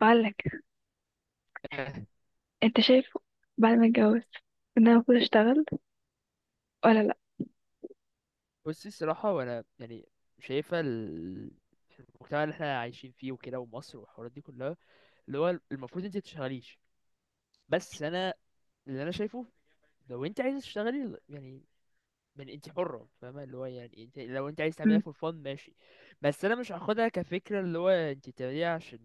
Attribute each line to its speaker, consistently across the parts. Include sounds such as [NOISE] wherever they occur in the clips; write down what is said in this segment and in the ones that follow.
Speaker 1: بعلك، انت شايف بعد ما اتجوز ان انا المفروض اشتغل ولا لا؟
Speaker 2: بصي الصراحة وأنا يعني شايفة المجتمع اللي احنا عايشين فيه وكده ومصر والحوارات دي كلها اللي هو المفروض انت تشتغليش. بس انا اللي انا شايفه لو انت عايزة تشتغلي يعني من انت حرة فاهمة اللي هو يعني انت لو انت عايز تعمليها
Speaker 1: مم.
Speaker 2: فور فن ماشي. بس انا مش هاخدها كفكرة اللي هو انت تعمليها عشان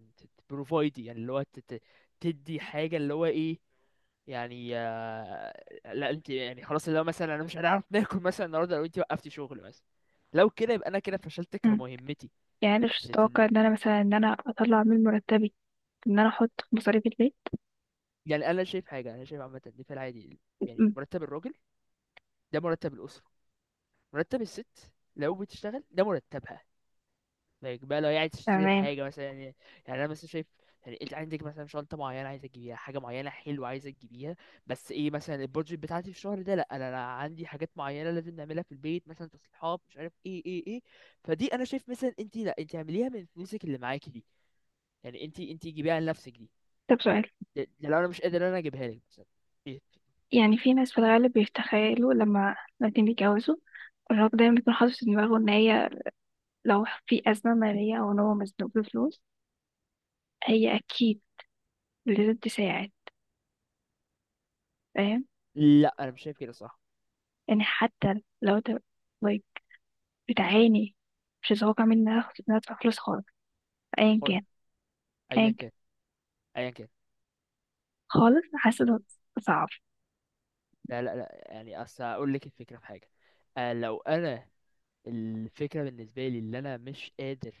Speaker 2: تبروفايدي يعني اللي هو تدي حاجة اللي هو ايه يعني آه، لا انت يعني خلاص لو مثلا انا مش هنعرف ناكل مثلا النهارده لو انت وقفتي شغل مثلا. لو كده يبقى انا كده فشلت
Speaker 1: مم.
Speaker 2: كمهمتي.
Speaker 1: يعني انا مش
Speaker 2: في
Speaker 1: متوقع ان انا مثلا ان انا اطلع من مرتبي، ان انا احط في مصاريف البيت.
Speaker 2: يعني انا شايف حاجه انا شايف عامه ان في العادي يعني
Speaker 1: مم.
Speaker 2: مرتب الراجل ده مرتب الاسره. مرتب الست لو بتشتغل ده مرتبها. لايك بقى لو هي عايز تشتري
Speaker 1: تمام.
Speaker 2: حاجه مثلا يعني. يعني انا مثلا شايف يعني انت عندك مثلا شنطه معينه عايزه تجيبيها حاجه معينه حلوه عايزه تجيبيها بس ايه مثلا البادجت بتاعتي في الشهر ده. لا أنا عندي حاجات معينه لازم نعملها في البيت مثلا تصليحات مش عارف ايه ايه ايه. فدي انا شايف مثلا انت لا انت اعمليها من فلوسك اللي معاكي دي. يعني انت جيبيها لنفسك دي.
Speaker 1: طب، سؤال.
Speaker 2: ده لو انا مش قادر انا اجيبها لك مثلا. إيه؟
Speaker 1: يعني في ناس في الغالب بيتخيلوا لما الاتنين بيتجوزوا، الراجل دايما بيكون حاطط في دماغه ان هي لو في ازمه ماليه او ان هو مزنوق بفلوس، هي اكيد لازم تساعد. فاهم؟
Speaker 2: لا انا مش شايف كده صح.
Speaker 1: يعني حتى لو انت طيب، بتعاني، مش هتوقع مني ان انا إن أنا ادفع فلوس خالص، ايا
Speaker 2: قول
Speaker 1: كان.
Speaker 2: ايا
Speaker 1: ايا
Speaker 2: كان ايا كان.
Speaker 1: خالص. حاسة ده صعب.
Speaker 2: لا يعني اصل اقول لك الفكره في حاجه. آه، لو انا الفكرة بالنسبة لي اللي أنا مش قادر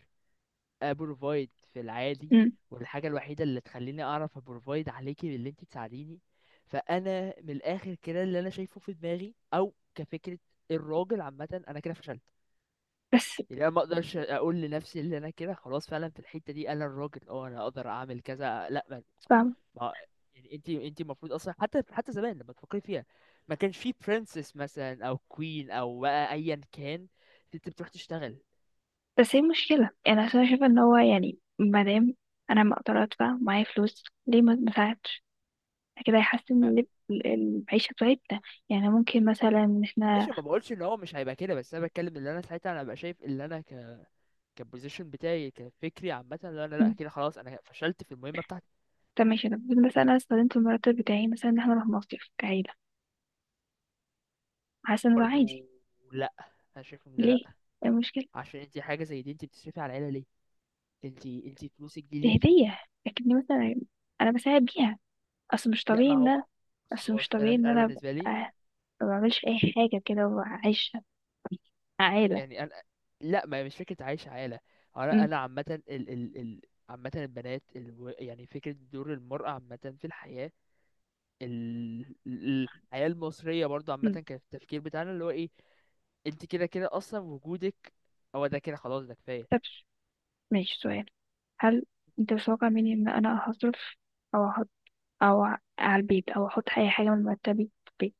Speaker 2: أبروفايد في العادي.
Speaker 1: مم.
Speaker 2: والحاجة الوحيدة اللي تخليني أعرف أبروفايد عليكي باللي أنت تساعديني. فأنا من الآخر كده اللي أنا شايفه في دماغي أو كفكرة الراجل عامة أنا كده فشلت.
Speaker 1: بس.
Speaker 2: يعني أنا ما أقدرش أقول لنفسي اللي أنا كده خلاص فعلا في الحتة دي أنا الراجل أه أنا أقدر أعمل كذا لأ
Speaker 1: فاهمة.
Speaker 2: ما- يعني أنت المفروض أصلا حتى زمان لما تفكري فيها ما كانش في برنسس مثلا أو كوين أو بقى أيا كان. أنت بتروح تشتغل.
Speaker 1: بس هي مشكلة، يعني عشان أنا شايفة ان هو يعني مادام انا ما اقدر ادفع معايا فلوس، ليه ما اساعدش؟ كده هيحسن المعيشة بتاعتنا. يعني ممكن مثلا ان احنا...
Speaker 2: ماشي ما بقولش ان هو مش هيبقى كده بس انا بتكلم ان انا ساعتها انا ببقى شايف ان انا كبوزيشن بتاعي كفكري عامه ان انا لا
Speaker 1: مم.
Speaker 2: كده خلاص انا فشلت في المهمه بتاعتي.
Speaker 1: طب ماشي، انا بقول مثلا انا استخدمت المرتب بتاعي مثلا ان احنا نروح مصيف كعيلة. حاسة ان ده عادي.
Speaker 2: برضو لا انا شايف ان ده لا.
Speaker 1: ليه؟ إيه المشكلة؟
Speaker 2: عشان انت حاجه زي دي انت بتصرفي على العيله ليه؟ انت فلوسك دي
Speaker 1: دي
Speaker 2: ليكي.
Speaker 1: هدية، لكني مثلا انا بساعد بيها. اصل مش
Speaker 2: لا
Speaker 1: طبيعي
Speaker 2: ما
Speaker 1: ان
Speaker 2: هو
Speaker 1: انا
Speaker 2: بس
Speaker 1: اصل
Speaker 2: هو
Speaker 1: مش طبيعي
Speaker 2: انا
Speaker 1: ان
Speaker 2: انا
Speaker 1: انا أبقى
Speaker 2: بالنسبه لي
Speaker 1: ما بعملش اي حاجه كده وعايشه عائلة.
Speaker 2: يعني انا لا ما هي مش فكره عايش عيله. هو انا
Speaker 1: مم.
Speaker 2: انا عامه ال عامه البنات يعني فكره دور المراه عامه في الحياه. الحياة المصرية برضو عامة
Speaker 1: مم.
Speaker 2: كان التفكير بتاعنا اللي هو ايه. انت كده كده اصلا وجودك هو ده كده خلاص ده كفاية.
Speaker 1: طب ماشي، سؤال. هل انت متوقع مني ان انا هصرف او احط او على البيت او احط اي حاجة من مرتبي في البيت؟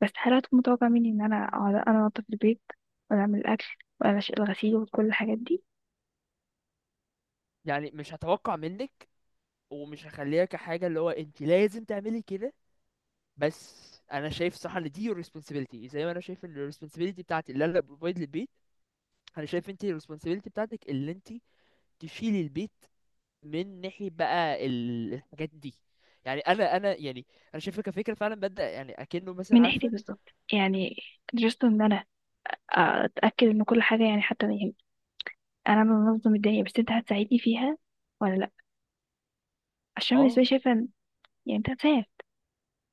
Speaker 1: بس هل هتكون متوقع مني ان انا اقعد انا انضف البيت ولا اعمل الاكل ولا الغسيل وكل الحاجات دي؟
Speaker 2: يعني مش هتوقع منك ومش هخليها كحاجة اللي هو انت لازم تعملي كده. بس انا شايف صح ان دي responsibility زي ما انا شايف ان ال responsibility بتاعتي اللي انا بروفايد للبيت. انا شايف انت ال responsibility بتاعتك اللي انت تشيلي البيت من ناحية بقى الحاجات دي. يعني انا يعني انا شايفها كفكرة فعلا ببدأ يعني اكنه
Speaker 1: من
Speaker 2: مثلا
Speaker 1: ناحيتي
Speaker 2: عارفة.
Speaker 1: بالظبط، يعني جست ان انا اتاكد ان كل حاجة، يعني حتى يعني انا بنظم الدنيا بس انت هتساعدني فيها ولا لا؟ عشان بالنسبة
Speaker 2: اه
Speaker 1: لي شايفة ان... يعني انت هتساعد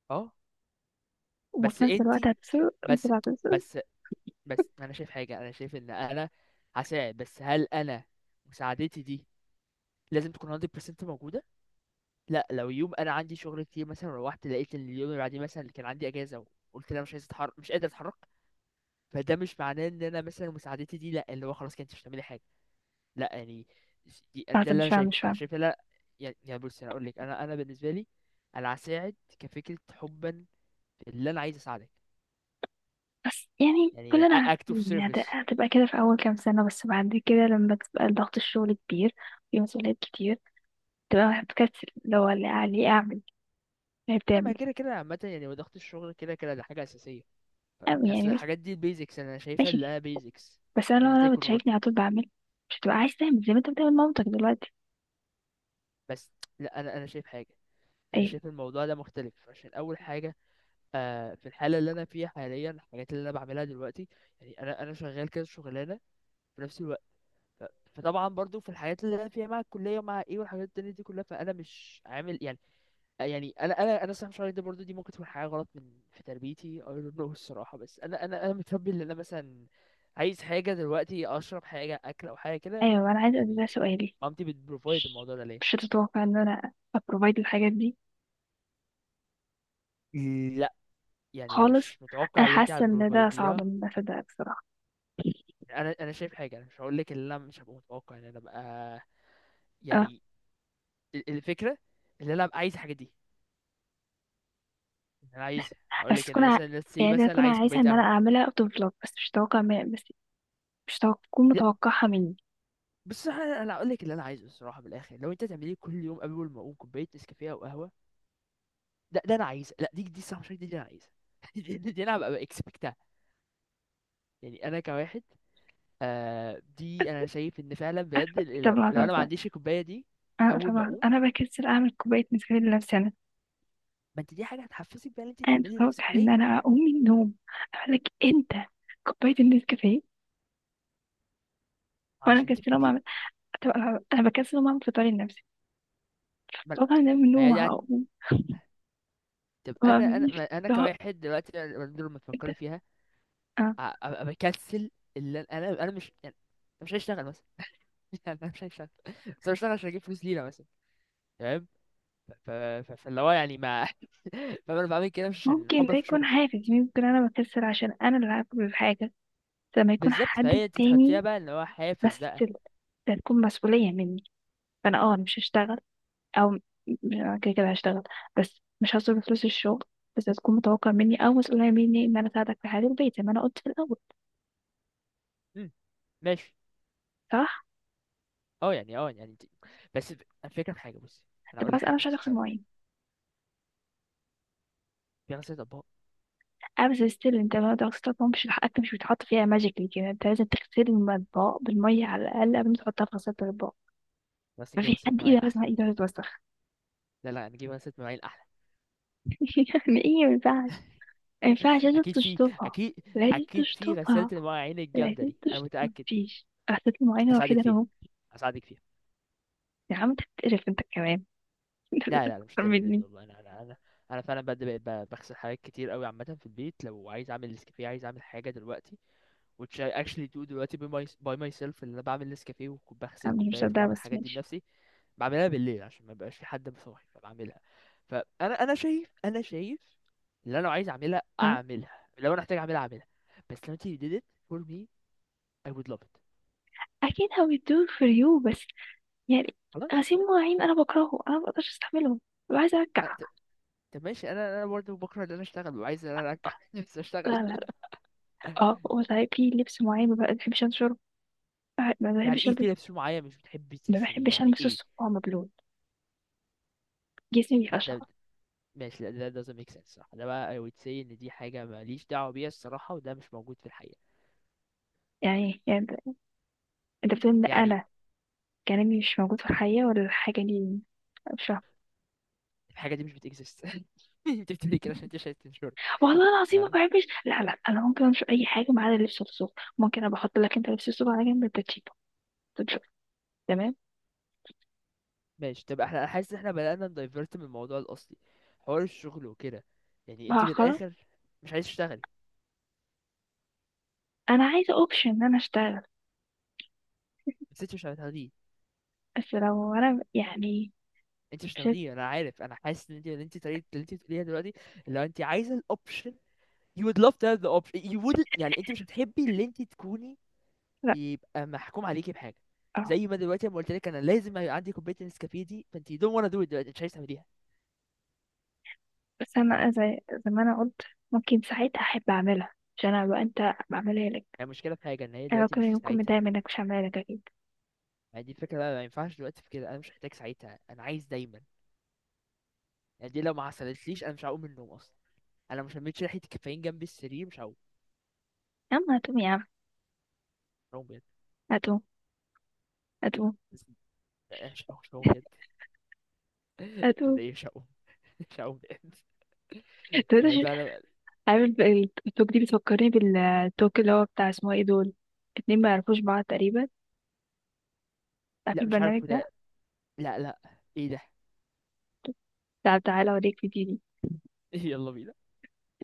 Speaker 2: اه. بس
Speaker 1: وفي نفس الوقت
Speaker 2: انتي.
Speaker 1: هتصرف وانت
Speaker 2: بس
Speaker 1: اللي هتصرف.
Speaker 2: بس بس انا شايف حاجه انا شايف ان انا هساعد بس هل انا مساعدتي دي لازم تكون 100% موجوده؟ لا لو يوم انا عندي شغل كتير مثلا روحت لقيت ان اليوم اللي بعديه مثلا كان عندي اجازه وقلت انا مش عايز اتحرك مش قادر اتحرك فده مش معناه ان انا مثلا مساعدتي دي لا اللي هو خلاص كانت مش هتعملي حاجه. لا يعني ده
Speaker 1: لحظة،
Speaker 2: اللي
Speaker 1: مش
Speaker 2: انا
Speaker 1: فاهمة،
Speaker 2: شايفه
Speaker 1: مش
Speaker 2: انا
Speaker 1: فاهمة.
Speaker 2: شايف لا. يعني بص انا اقول لك انا بالنسبه لي انا هساعد كفكره حبا في اللي انا عايز اساعدك.
Speaker 1: بس يعني
Speaker 2: يعني
Speaker 1: كلنا
Speaker 2: act of
Speaker 1: عارفين إن
Speaker 2: service.
Speaker 1: هتبقى كده في أول كام سنة، بس بعد كده لما تبقى ضغط الشغل كبير، في مسؤوليات كتير، تبقى هتكسل لو اللي عليه أعمل اللي بتعمل
Speaker 2: لما كده كده عامة يعني وضغط الشغل كده كده ده حاجة أساسية.
Speaker 1: أعمل.
Speaker 2: أصل
Speaker 1: يعني بس
Speaker 2: الحاجات دي البيزكس أنا شايفها اللي
Speaker 1: ماشي.
Speaker 2: هي بيزكس.
Speaker 1: بس أنا
Speaker 2: إن
Speaker 1: لو
Speaker 2: أنت
Speaker 1: أنا
Speaker 2: يكون
Speaker 1: بتشاركني على طول بعمل، مش هتبقى عايز تعمل زي ما أنت بتعمل مامتك دلوقتي.
Speaker 2: بس لأ أنا شايف حاجة. أنا
Speaker 1: أيوة،
Speaker 2: شايف الموضوع ده مختلف عشان أول حاجة. آه في الحالة اللي أنا فيها حاليا الحاجات اللي أنا بعملها دلوقتي يعني أنا شغال كذا شغلانة في نفس الوقت. ف... فطبعا برضو في الحاجات اللي أنا فيها مع الكلية ومع إيه والحاجات التانية دي كلها فأنا مش عامل يعني. يعني انا صراحه مش عارف ده برضه دي ممكن تكون حاجه غلط من في تربيتي I don't know الصراحه. بس انا متربي ان انا مثلا عايز حاجه دلوقتي اشرب حاجه اكل او حاجه كده
Speaker 1: أيوة، أنا عايزة
Speaker 2: يعني
Speaker 1: ده سؤالي.
Speaker 2: مامتي بتبروفايد
Speaker 1: مش
Speaker 2: الموضوع ده ليه.
Speaker 1: مش هتتوقع إن أنا أبروفايد الحاجات دي؟
Speaker 2: لا يعني أنا
Speaker 1: خالص.
Speaker 2: مش متوقع
Speaker 1: أنا
Speaker 2: اللي انت
Speaker 1: حاسة إن ده صعب
Speaker 2: هتبروفايديها.
Speaker 1: إن أنا أصدقك بصراحة.
Speaker 2: انا شايف حاجه انا مش هقول لك ان انا مش هبقى متوقع ان انا ابقى
Speaker 1: اه.
Speaker 2: يعني الفكره ان انا ابقى عايز الحاجه دي إن انا عايز هقول
Speaker 1: بس
Speaker 2: لك
Speaker 1: تكون
Speaker 2: ان مثلا let's say
Speaker 1: يعني أنا
Speaker 2: مثلا
Speaker 1: أكون
Speaker 2: عايز
Speaker 1: عايزة
Speaker 2: كوبايه
Speaker 1: إن أنا
Speaker 2: قهوه.
Speaker 1: أعملها أوت أوف بلوك، بس مش هتكون متوقعها مني.
Speaker 2: بس انا هقول لك اللي انا عايزه الصراحه بالاخر لو انت تعملي كل يوم قبل ما اقوم كوبايه نسكافيه او قهوه. ده انا عايزه. لا دي الصراحه مش عارف دي انا عايزه [LAUGHS] دي انا هبقى اكسبكتها. يعني انا كواحد آه دي انا شايف ان فعلا بجد
Speaker 1: طب
Speaker 2: لو، لو
Speaker 1: لحظة
Speaker 2: انا ما
Speaker 1: بس
Speaker 2: عنديش الكوبايه دي
Speaker 1: طب
Speaker 2: اول ما
Speaker 1: لحظة،
Speaker 2: اقوم.
Speaker 1: أنا بكسل أعمل كوباية نسكافيه لنفسي أنا.
Speaker 2: ما انت دي حاجه هتحفزك بقى ان انت
Speaker 1: أنا
Speaker 2: تعملي
Speaker 1: متوقع
Speaker 2: لنفسك
Speaker 1: إن
Speaker 2: وليه؟
Speaker 1: أنا أقوم من النوم أقول لك أنت كوباية النسكافيه، وأنا
Speaker 2: عشان انت
Speaker 1: مكسلة أقوم
Speaker 2: بتحبيه.
Speaker 1: أعمل. طب لحظة، أنا بكسل أقوم أعمل فطاري لنفسي،
Speaker 2: ما
Speaker 1: متوقع إن أنا من
Speaker 2: ما هي
Speaker 1: النوم
Speaker 2: دي
Speaker 1: هقوم
Speaker 2: طب
Speaker 1: ما
Speaker 2: انا
Speaker 1: أعملش؟
Speaker 2: ما انا
Speaker 1: اللي هو
Speaker 2: كواحد دلوقتي لما
Speaker 1: أنت؟
Speaker 2: تفكري فيها
Speaker 1: آه.
Speaker 2: ابقى بكنسل اللي انا أنا مش يعني أنا مش هشتغل مثلا [LAUGHS] لا مش هشتغل. بس أنا بشتغل عشان اجيب فلوس لينا مثلا تمام. فاللي هو يعني ما [LAUGHS] فانا بعمل كده مش عشان
Speaker 1: ممكن
Speaker 2: حب
Speaker 1: ده
Speaker 2: في
Speaker 1: يكون
Speaker 2: الشغل.
Speaker 1: حافز، ممكن أنا بكسل عشان أنا اللي هاكل الحاجة لما يكون
Speaker 2: بالظبط
Speaker 1: حد
Speaker 2: فهي انت تحطيها
Speaker 1: تاني.
Speaker 2: بقى اللي هو حافز
Speaker 1: بس
Speaker 2: بقى.
Speaker 1: ده تكون مسؤولية مني. فأنا أنا مش هشتغل، او م- أنا كده كده هشتغل بس مش هصرف فلوس الشغل. بس هتكون متوقع مني او مسؤولية مني ان انا اساعدك في حياة البيت زي ما انا قلت في الاول.
Speaker 2: مم. ماشي.
Speaker 1: صح.
Speaker 2: اه يعني اه يعني انت بس الفكره في حاجه بصي انا
Speaker 1: طب
Speaker 2: اقول لك
Speaker 1: بس انا
Speaker 2: حاجه
Speaker 1: مش عايزه
Speaker 2: بس
Speaker 1: اغسل مواعين.
Speaker 2: في غسالة اطباق.
Speaker 1: انا بس ستيل انت ما تغسل مواعين مش حقك، مش بيتحط فيها ماجيكلي كده، انت لازم تغسل المطبخ بالميه على الاقل قبل ما تحطها في غسالة الاطباق.
Speaker 2: بس نجيب
Speaker 1: مفيش
Speaker 2: غسالة
Speaker 1: حد ايده
Speaker 2: مواعين احلى.
Speaker 1: لازم ايده تتوسخ.
Speaker 2: لا نجيب غسالة مواعين احلى.
Speaker 1: [LAUGHS] يعني ايه؟ ما ينفعش، ما ينفعش،
Speaker 2: [LAUGHS]
Speaker 1: لازم
Speaker 2: اكيد في،
Speaker 1: تشطفها،
Speaker 2: اكيد
Speaker 1: لازم
Speaker 2: اكيد في غسالة
Speaker 1: تشطفها،
Speaker 2: المواعين الجامدة
Speaker 1: لازم
Speaker 2: دي انا
Speaker 1: تشطف.
Speaker 2: متأكد.
Speaker 1: مفيش غسالة المواعين الوحيدة
Speaker 2: هساعدك
Speaker 1: اللي
Speaker 2: فيها،
Speaker 1: ممكن...
Speaker 2: هساعدك فيها.
Speaker 1: يا عم، انت بتقرف انت كمان
Speaker 2: لا لا
Speaker 1: [LAUGHS]
Speaker 2: لا،
Speaker 1: أكتر
Speaker 2: مش للدرجة دي
Speaker 1: مني.
Speaker 2: والله انا انا فعلا بجد بقيت بغسل حاجات كتير قوي عامه في البيت لو عايز اعمل نسكافيه عايز اعمل حاجه دلوقتي which I actually do دلوقتي by my by myself اللي انا بعمل نسكافيه وبغسل
Speaker 1: أنا مش
Speaker 2: كوبايات
Speaker 1: مصدقة
Speaker 2: وبعمل
Speaker 1: بس
Speaker 2: الحاجات دي
Speaker 1: ماشي.
Speaker 2: بنفسي. بعملها بالليل عشان ما يبقاش في حد مصاحي فبعملها. فانا انا شايف، انا شايف اللي انا لو عايز اعملها
Speaker 1: اه.
Speaker 2: اعملها لو انا محتاج اعملها اعملها. بس لو انت you did it for me I would love it.
Speaker 1: I can't how it do for you، بس يعني...
Speaker 2: خلاص
Speaker 1: غسيل
Speaker 2: بس.
Speaker 1: مواعين أنا بكرهه، أنا مبقدرش أستحمله، ببقى عايزة أرجع.
Speaker 2: طب طب ماشي انا برضه بكره ان انا اشتغل وعايز ان انا ارجع [LAUGHS] نفسي
Speaker 1: لا،
Speaker 2: اشتغل.
Speaker 1: لا، لا. اه، وصحيح في لبس معين ما بحبش أنشره. آه، ما
Speaker 2: يعني
Speaker 1: بحبش
Speaker 2: ايه
Speaker 1: ألبس.
Speaker 2: في لبس معين مش بتحبي
Speaker 1: ما
Speaker 2: تنشريه
Speaker 1: بحبش
Speaker 2: يعني
Speaker 1: ألبسه
Speaker 2: ايه؟
Speaker 1: الصبح وهو مبلول. جسمي
Speaker 2: لا ده
Speaker 1: بيقشعر.
Speaker 2: ماشي لا ده doesn't make sense صح ده بقى I would say ان دي حاجة ماليش دعوة بيها الصراحة وده مش موجود في الحقيقة.
Speaker 1: يعني أنت بتقول إن
Speaker 2: يعني
Speaker 1: أنا كلامي مش موجود في الحقيقة ولا الحاجة دي؟ مش فاهمة.
Speaker 2: الحاجة دي مش بتكزيست. [LAUGHS] انت بتقولي كده عشان انت مش عايز تنشرها.
Speaker 1: والله العظيم ما
Speaker 2: تمام.
Speaker 1: بحبش. لا، لا، أنا ممكن أنشر أي حاجة ما عدا لبس الصبح. ممكن أبقى أحط لك أنت لبس الصبح على جنب، أنت تشيله، تنشره. تمام.
Speaker 2: ماشي طب احنا أنا حاسس ان احنا بدأنا ندايفرت من الموضوع الأصلي، حوار الشغل وكده. يعني انت من
Speaker 1: بأخر.
Speaker 2: الآخر مش عايز تشتغلي.
Speaker 1: أنا عايزة أوبشن إن أنا أشتغل.
Speaker 2: بس انت مش هتاخديه،
Speaker 1: بس لو انا يعني...
Speaker 2: انت مش
Speaker 1: مش.
Speaker 2: هتاخديه انا عارف انا حاسس ان انت ان انت طريقة اللي انت بتقوليها دلوقتي لو انت عايزة الاوبشن you would love to have the option you wouldn't يعني انت مش بتحبي اللي انت تكوني
Speaker 1: لا.
Speaker 2: يبقى محكوم عليكي بحاجه.
Speaker 1: اه
Speaker 2: زي ما دلوقتي لما قلت لك انا لازم يبقى عندي كوبايه نسكافيه دي فانت you don't wanna do it دلوقتي مش عايز تعمليها.
Speaker 1: بس انا زي ما انا قلت، ممكن ساعتها احب اعملها، مش انا بقى، انت بعملها لك.
Speaker 2: يعني المشكله في حاجه ان هي
Speaker 1: انا
Speaker 2: دلوقتي
Speaker 1: ممكن
Speaker 2: مش في
Speaker 1: يكون
Speaker 2: ساعتها.
Speaker 1: متضايق منك، مش هعملها لك اكيد.
Speaker 2: يعني دي الفكره بقى ما ينفعش دلوقتي في كده انا مش محتاج ساعتها انا عايز دايما. يعني دي لو ما حصلتليش انا مش هقوم من النوم اصلا. انا مش لميتش ريحه الكافيين جنب السرير مش هقوم.
Speaker 1: يا عم هتقوم، يا عم
Speaker 2: مش هقوم بجد.
Speaker 1: هتقوم، هتقوم،
Speaker 2: بس- لا، مش هقوم مش هقوم بجد.
Speaker 1: هتقوم.
Speaker 2: ده إيه؟ مش هقوم. [LAUGHS] مش هقوم بجد
Speaker 1: [LAUGHS] طب انت
Speaker 2: يعني فعلا.
Speaker 1: عامل بقى. التوك دي بتفكرني بالتوك اللي هو بتاع اسمه ايه دول اتنين ما يعرفوش بعض تقريبا. عارف
Speaker 2: لا مش
Speaker 1: البرنامج
Speaker 2: عارف
Speaker 1: ده؟
Speaker 2: ده. لا ايه ده؟
Speaker 1: تعال تعالى اوريك فيديو.
Speaker 2: [LAUGHS] يلا بينا.